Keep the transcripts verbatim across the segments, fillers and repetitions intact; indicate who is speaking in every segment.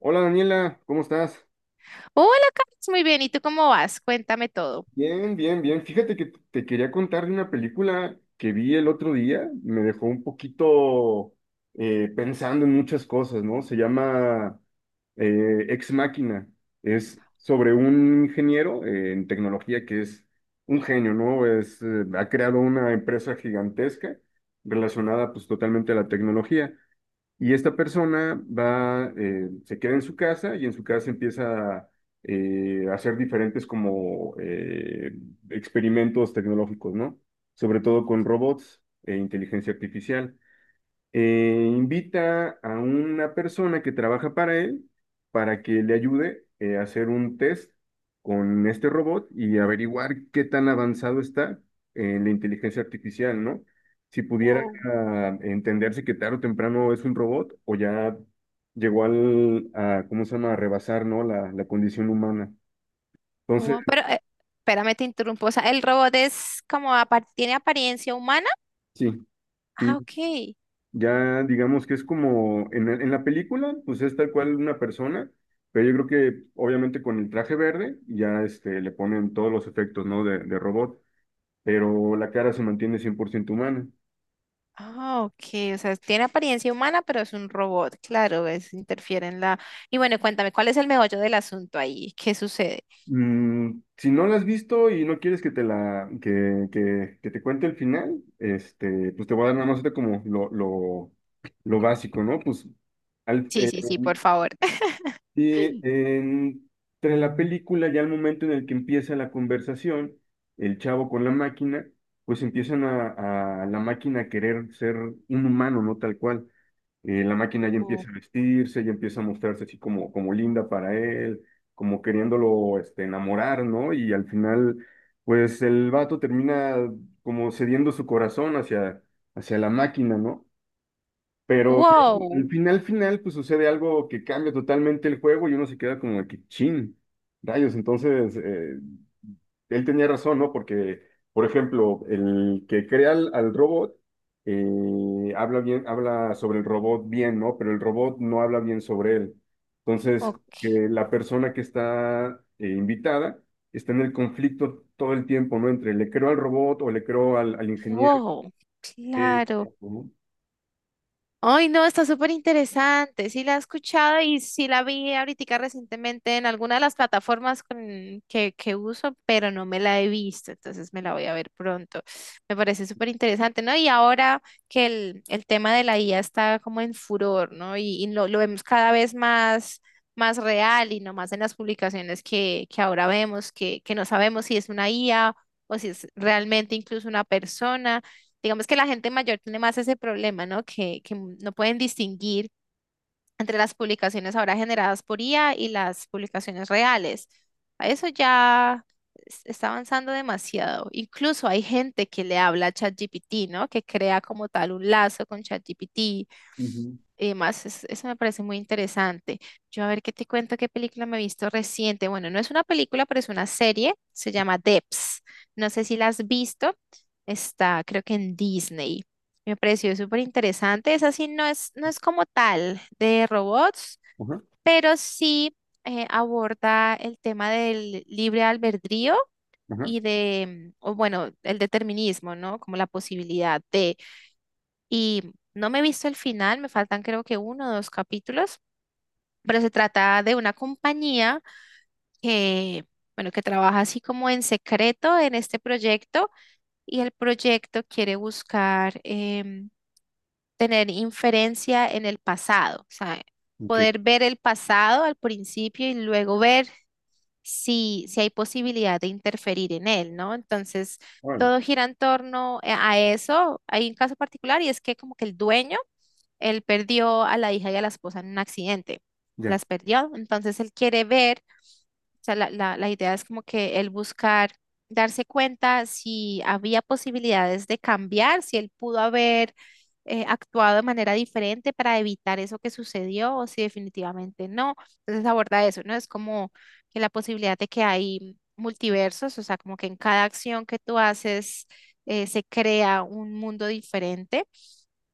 Speaker 1: Hola Daniela, ¿cómo estás?
Speaker 2: Hola, Carlos, muy bien. ¿Y tú cómo vas? Cuéntame todo.
Speaker 1: Bien, bien, bien. Fíjate que te quería contar de una película que vi el otro día. Me dejó un poquito eh, pensando en muchas cosas, ¿no? Se llama eh, Ex Máquina. Es sobre un ingeniero eh, en tecnología que es un genio, ¿no? Es, eh, ha creado una empresa gigantesca relacionada pues totalmente a la tecnología. Y esta persona va, eh, se queda en su casa y en su casa empieza eh, a hacer diferentes como eh, experimentos tecnológicos, ¿no? Sobre todo con robots e inteligencia artificial. Eh, invita a una persona que trabaja para él para que le ayude eh, a hacer un test con este robot y averiguar qué tan avanzado está en la inteligencia artificial, ¿no? Si pudiera
Speaker 2: Wow,
Speaker 1: ah, entenderse que tarde o temprano es un robot o ya llegó al, a, ¿cómo se llama?, a rebasar, ¿no? La, la condición humana. Entonces,
Speaker 2: wow. Pero, eh, espérame, te interrumpo. O sea, el robot es como, apar- ¿tiene apariencia humana?
Speaker 1: sí, sí,
Speaker 2: Ah, ok.
Speaker 1: ya digamos que es como en, la- en la película, pues es tal cual una persona, pero yo creo que obviamente con el traje verde ya este, le ponen todos los efectos, ¿no?, de, de robot, pero la cara se mantiene cien por ciento humana.
Speaker 2: Ah, ok. O sea, tiene apariencia humana, pero es un robot. Claro, es, interfiere en la... Y bueno, cuéntame, ¿cuál es el meollo del asunto ahí? ¿Qué sucede?
Speaker 1: Mm, si no la has visto y no quieres que te la que, que, que te cuente el final, este, pues te voy a dar nada más ahorita como lo, lo, lo básico, ¿no? Pues al-
Speaker 2: Sí,
Speaker 1: eh,
Speaker 2: sí, sí, por favor.
Speaker 1: y en- tras la película, ya al momento en el que empieza la conversación, el chavo con la máquina, pues empiezan a, a la máquina a querer ser un humano, no tal cual. Eh, la máquina ya
Speaker 2: Wow.
Speaker 1: empieza a vestirse, ya empieza a mostrarse así como, como linda para él, como queriéndolo este, enamorar, ¿no? Y al final, pues el vato termina como cediendo su corazón hacia, hacia la máquina, ¿no? Pero ya
Speaker 2: Wow.
Speaker 1: al final, final, pues sucede algo que cambia totalmente el juego y uno se queda como de que chin, rayos. Entonces, eh, él tenía razón, ¿no? Porque, por ejemplo, el que crea al, al robot eh, habla bien, habla sobre el robot bien, ¿no? Pero el robot no habla bien sobre él. Entonces, que
Speaker 2: Ok.
Speaker 1: la persona que está eh, invitada está en el conflicto todo el tiempo, ¿no? Entre le creo al robot o le creo al, al ingeniero.
Speaker 2: Wow.
Speaker 1: eh,
Speaker 2: Claro.
Speaker 1: Ujú.
Speaker 2: Ay, no, está súper interesante. Sí la he escuchado y sí la vi ahorita recientemente en alguna de las plataformas con- que, que uso, pero no me la he visto, entonces me la voy a ver pronto. Me parece súper interesante, ¿no? Y ahora que el, el tema de la I A está como en furor, ¿no? Y, y lo, lo vemos cada vez más, más real y no más en las publicaciones que, que ahora vemos, que, que no sabemos si es una I A o si es realmente incluso una persona. Digamos que la gente mayor tiene más ese problema, ¿no? Que, que no pueden distinguir entre las publicaciones ahora generadas por I A y las publicaciones reales. A Eso ya es- está avanzando demasiado. Incluso hay gente que le habla a ChatGPT, ¿no? Que crea como tal un lazo con ChatGPT y demás, es- eso me parece muy interesante. Yo a ver qué te cuento, qué película me he visto reciente. Bueno, no es una película, pero es una serie. Se llama Debs. No sé si la has visto. Está, creo que en Disney. Me pareció súper interesante. Esa sí no es, no es como tal de robots,
Speaker 1: Ujú.
Speaker 2: pero sí eh, aborda el tema del libre albedrío
Speaker 1: Ajá.
Speaker 2: y de, o bueno, el determinismo, ¿no? Como la posibilidad de y no me he visto el final, me faltan creo que uno o dos capítulos, pero se trata de una compañía que, bueno, que trabaja así como en secreto en este proyecto y el proyecto quiere buscar em, tener inferencia en el pasado, o sea,
Speaker 1: Ok,
Speaker 2: poder ver el pasado al principio y luego ver si, si hay posibilidad de interferir en él, ¿no? Entonces,
Speaker 1: órale,
Speaker 2: todo gira en torno eh, a eso. Hay un caso particular y es que como que el dueño, él perdió a la hija y a la esposa en un accidente,
Speaker 1: ya,
Speaker 2: las perdió, entonces él quiere ver sea, la, la, la idea es como que él buscar darse cuenta si había posibilidades de cambiar, si él pudo haber eh, actuado de manera diferente para evitar eso que sucedió o si definitivamente no. Entonces aborda eso, ¿no? Es como que la posibilidad de que hay multiversos, o sea, como que en cada acción que tú haces eh, se crea un mundo diferente.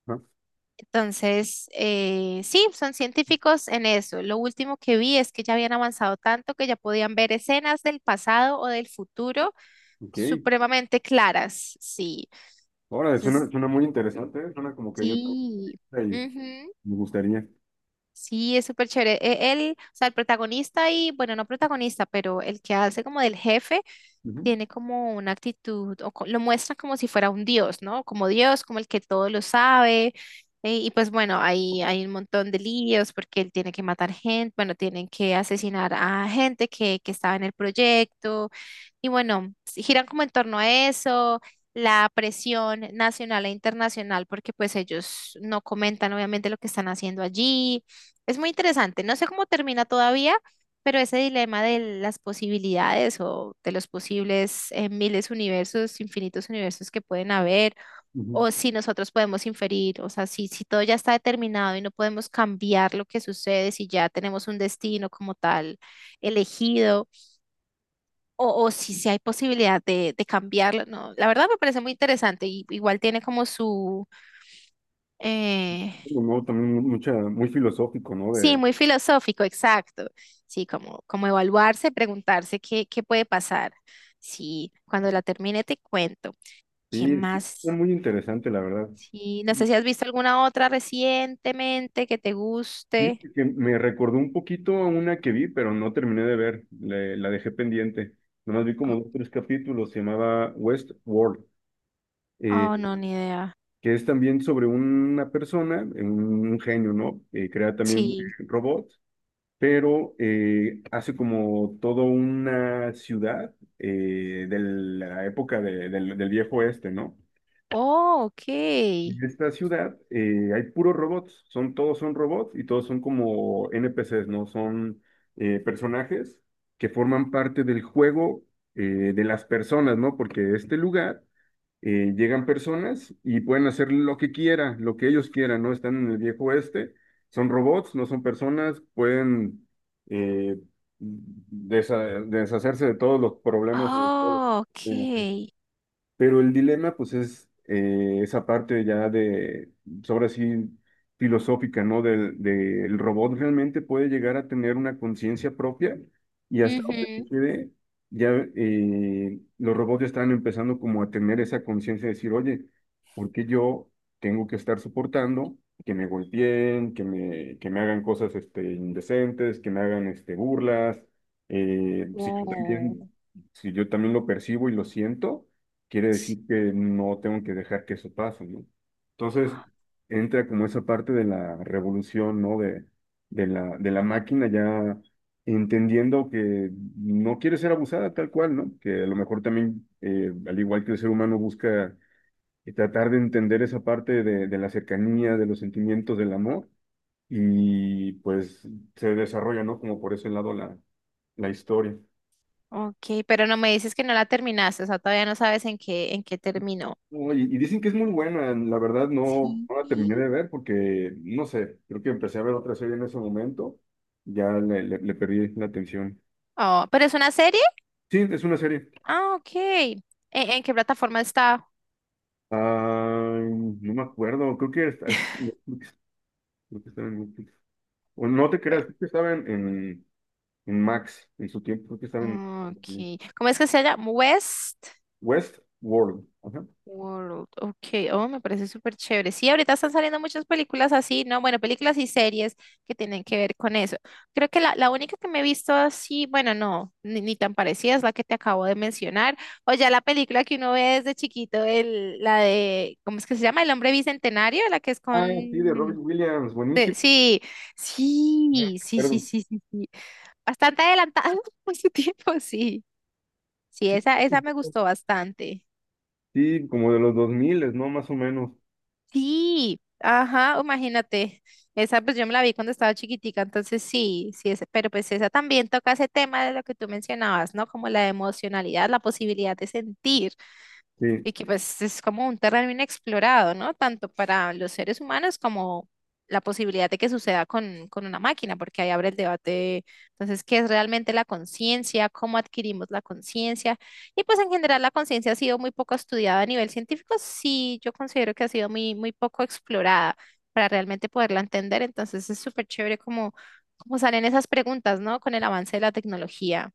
Speaker 1: ¿no?
Speaker 2: Entonces, eh, sí, son científicos en eso. Lo último que vi es que ya habían avanzado tanto que ya podían ver escenas del pasado o del futuro
Speaker 1: Ok,
Speaker 2: supremamente claras. Sí.
Speaker 1: órale, suena,
Speaker 2: Entonces,
Speaker 1: suena muy interesante, ¿eh? Suena como que yo
Speaker 2: sí.
Speaker 1: también y
Speaker 2: Ujú.
Speaker 1: me gustaría.
Speaker 2: Sí, es súper chévere. E- Él, o sea, el protagonista y, bueno, no protagonista, pero el que hace como del jefe,
Speaker 1: Ujú,
Speaker 2: tiene como una actitud, o co- lo muestra como si fuera un dios, ¿no? Como Dios, como el que todo lo sabe. eh, Y, pues bueno, hay, hay un montón de líos porque él tiene que matar gente, bueno, tienen que asesinar a gente que, que estaba en el proyecto. Y bueno, s- giran como en torno a eso, la presión nacional e internacional, porque pues ellos no comentan obviamente lo que están haciendo allí. Es muy interesante. No sé cómo termina todavía, pero ese dilema de las posibilidades o de los posibles eh, miles universos, infinitos universos que pueden haber,
Speaker 1: ujú.
Speaker 2: o si nosotros podemos inferir, o sea, si, si todo ya está determinado y no podemos cambiar lo que sucede, si ya tenemos un destino como tal elegido, o, o si, si hay posibilidad de, de cambiarlo, no, la verdad me parece muy interesante y igual tiene como su... eh,
Speaker 1: No, también mu- mucha, muy filosófico, ¿no?
Speaker 2: Sí,
Speaker 1: De,
Speaker 2: muy filosófico, exacto. Sí, como, como evaluarse, preguntarse qué, qué puede pasar. Sí, cuando la termine te cuento. ¿Qué
Speaker 1: sí, es
Speaker 2: más?
Speaker 1: muy interesante, la verdad.
Speaker 2: Sí, no sé si has visto alguna otra recientemente que te guste.
Speaker 1: Fíjate que me recordó un poquito a una que vi, pero no terminé de ver, le- la dejé pendiente. Nomás vi
Speaker 2: Oh,
Speaker 1: como dos, tres capítulos, se llamaba Westworld, eh,
Speaker 2: oh, no, ni idea.
Speaker 1: que es también sobre una persona, eh, un, un genio, ¿no? Eh, crea también
Speaker 2: Sí.
Speaker 1: eh, robots, pero eh, hace como toda una ciudad eh, de la época de- del, del viejo oeste, ¿no?
Speaker 2: Oh, ok.
Speaker 1: En esta ciudad eh, hay puros robots, son, todos son robots y todos son como N P Ces, ¿no? Son eh, personajes que forman parte del juego eh, de las personas, ¿no? Porque este lugar, eh, llegan personas y pueden hacer lo que quieran, lo que ellos quieran, ¿no? Están en el viejo oeste, son robots, no son personas, pueden eh, desa- deshacerse de todos los problemas, de todos
Speaker 2: Oh,
Speaker 1: los-
Speaker 2: ok.
Speaker 1: pero el dilema, pues, es eh, esa parte ya de, sobre así, filosófica, ¿no? Del, del robot realmente puede llegar a tener una conciencia propia y hasta donde
Speaker 2: Ujú.
Speaker 1: se quede, ya eh, los robots ya están empezando como a tener esa conciencia de decir, oye, ¿por qué yo tengo que estar soportando que me golpeen, que me, que me hagan cosas este, indecentes, que me hagan este, burlas? Eh, si yo también,
Speaker 2: Oh,
Speaker 1: si yo también lo percibo y lo siento quiere
Speaker 2: sí,
Speaker 1: decir que no tengo que dejar que eso pase, ¿no? Entonces, entra como esa parte de la revolución, ¿no? De, de la, de la máquina ya entendiendo que no quiere ser abusada tal cual, ¿no? Que a lo mejor también, eh, al igual que el ser humano, busca eh, tratar de entender esa parte de, de la cercanía, de los sentimientos, del amor, y pues se desarrolla, ¿no? Como por ese lado la, la historia.
Speaker 2: ok, pero no me dices que no la terminaste, o sea, todavía no sabes en qué, en qué terminó.
Speaker 1: No, y, y dicen que es muy buena, la verdad no,
Speaker 2: Sí.
Speaker 1: no la terminé de ver porque, no sé, creo que empecé a ver otra serie en ese momento, ya le, le- le perdí la atención.
Speaker 2: Oh, ¿pero es una serie?
Speaker 1: Sí, es una serie.
Speaker 2: Ah, ok. ¿En, en qué plataforma está?
Speaker 1: Ah, no me acuerdo, creo que, está- es- Netflix, creo que estaba en Netflix. O no te
Speaker 2: Eh,
Speaker 1: creas, creo que estaba en, en, en Max en su tiempo, creo que estaba en
Speaker 2: Ok. ¿Cómo es que se llama? West
Speaker 1: Westworld. Ajá.
Speaker 2: World. Ok. Oh, me parece súper chévere. Sí, ahorita están saliendo muchas películas así, ¿no? Bueno, películas y series que tienen que ver con eso. Creo que la, la única que me he visto así, bueno, no, ni, ni tan parecida es la que te acabo de mencionar. O ya la película que uno ve desde chiquito, el, la de, ¿cómo es que se llama? El hombre bicentenario, la que es
Speaker 1: Ah, sí, de
Speaker 2: con...
Speaker 1: Robin Williams,
Speaker 2: de-
Speaker 1: buenísimo.
Speaker 2: sí,
Speaker 1: Ajá,
Speaker 2: sí, sí, sí,
Speaker 1: perdón.
Speaker 2: sí, sí. Sí. Bastante adelantada por su tiempo, sí. Sí,
Speaker 1: Sí,
Speaker 2: esa, esa me gustó bastante.
Speaker 1: sí, como de los dos mil, ¿no? Más o menos.
Speaker 2: Sí, ajá, imagínate. Esa pues yo me la vi cuando estaba chiquitica, entonces sí, sí, ese- pero pues esa también toca ese tema de lo que tú mencionabas, ¿no? Como la emocionalidad, la posibilidad de sentir.
Speaker 1: Sí.
Speaker 2: Y que pues es como un terreno inexplorado, ¿no? Tanto para los seres humanos como la posibilidad de que suceda con, con una máquina, porque ahí abre el debate, entonces, ¿qué es realmente la conciencia? ¿Cómo adquirimos la conciencia? Y pues en general la conciencia ha sido muy poco estudiada a nivel científico, sí, yo considero que ha sido muy, muy poco explorada para realmente poderla entender, entonces es súper chévere como, como salen esas preguntas, ¿no? Con el avance de la tecnología.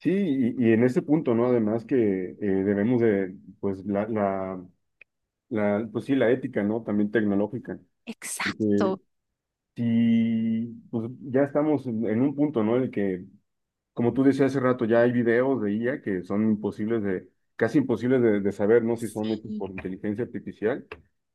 Speaker 1: Sí, y, y en ese punto, ¿no? Además que eh, debemos de, pues, la, la, la, pues sí, la ética, ¿no? También tecnológica. Porque
Speaker 2: Exacto,
Speaker 1: si, pues ya estamos en, en un punto, ¿no? En el que, como tú decías hace rato, ya hay videos de I A que son imposibles de, casi imposibles de, de saber, ¿no? Si son hechos
Speaker 2: sí.
Speaker 1: por inteligencia artificial.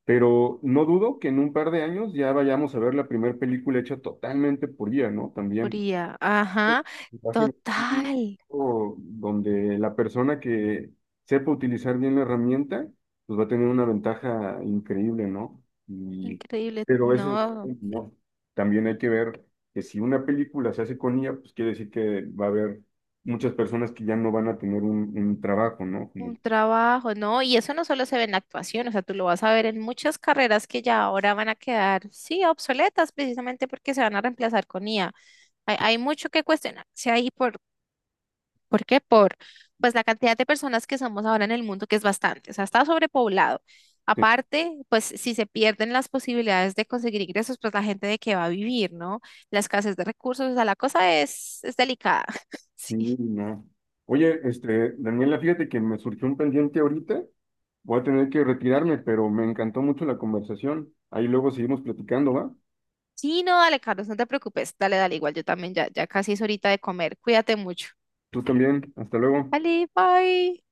Speaker 1: Pero no dudo que en un par de años ya vayamos a ver la primera película hecha totalmente por I A, ¿no? También.
Speaker 2: Fría. Ajá,
Speaker 1: Imagen
Speaker 2: total.
Speaker 1: o donde la persona que sepa utilizar bien la herramienta, pues va a tener una ventaja increíble, ¿no? Y,
Speaker 2: Increíble.
Speaker 1: pero eso,
Speaker 2: No,
Speaker 1: no. También hay que ver que si una película se hace con I A, pues quiere decir que va a haber muchas personas que ya no van a tener un, un trabajo, ¿no? Como,
Speaker 2: un trabajo, no. Y eso no solo se ve en la actuación, o sea, tú lo vas a ver en muchas carreras que ya ahora van a quedar, sí, obsoletas precisamente porque se van a reemplazar con I A. Hay, hay mucho que cuestionarse ahí por ¿Por qué? Por pues la cantidad de personas que somos ahora en el mundo, que es bastante, o sea, está sobrepoblado.
Speaker 1: sí,
Speaker 2: Aparte, pues si se pierden las posibilidades de conseguir ingresos, pues la gente de qué va a vivir, ¿no? La escasez de recursos, o sea, la cosa es, es delicada. Sí.
Speaker 1: no. Oye, este, Daniela, fíjate que me surgió un pendiente ahorita. Voy a tener que retirarme, pero me encantó mucho la conversación. Ahí luego seguimos platicando, ¿va?
Speaker 2: Sí, no, dale, Carlos, no te preocupes. Dale, dale, igual yo también ya, ya casi es horita de comer. Cuídate mucho.
Speaker 1: Tú también. Hasta luego.
Speaker 2: Dale, bye.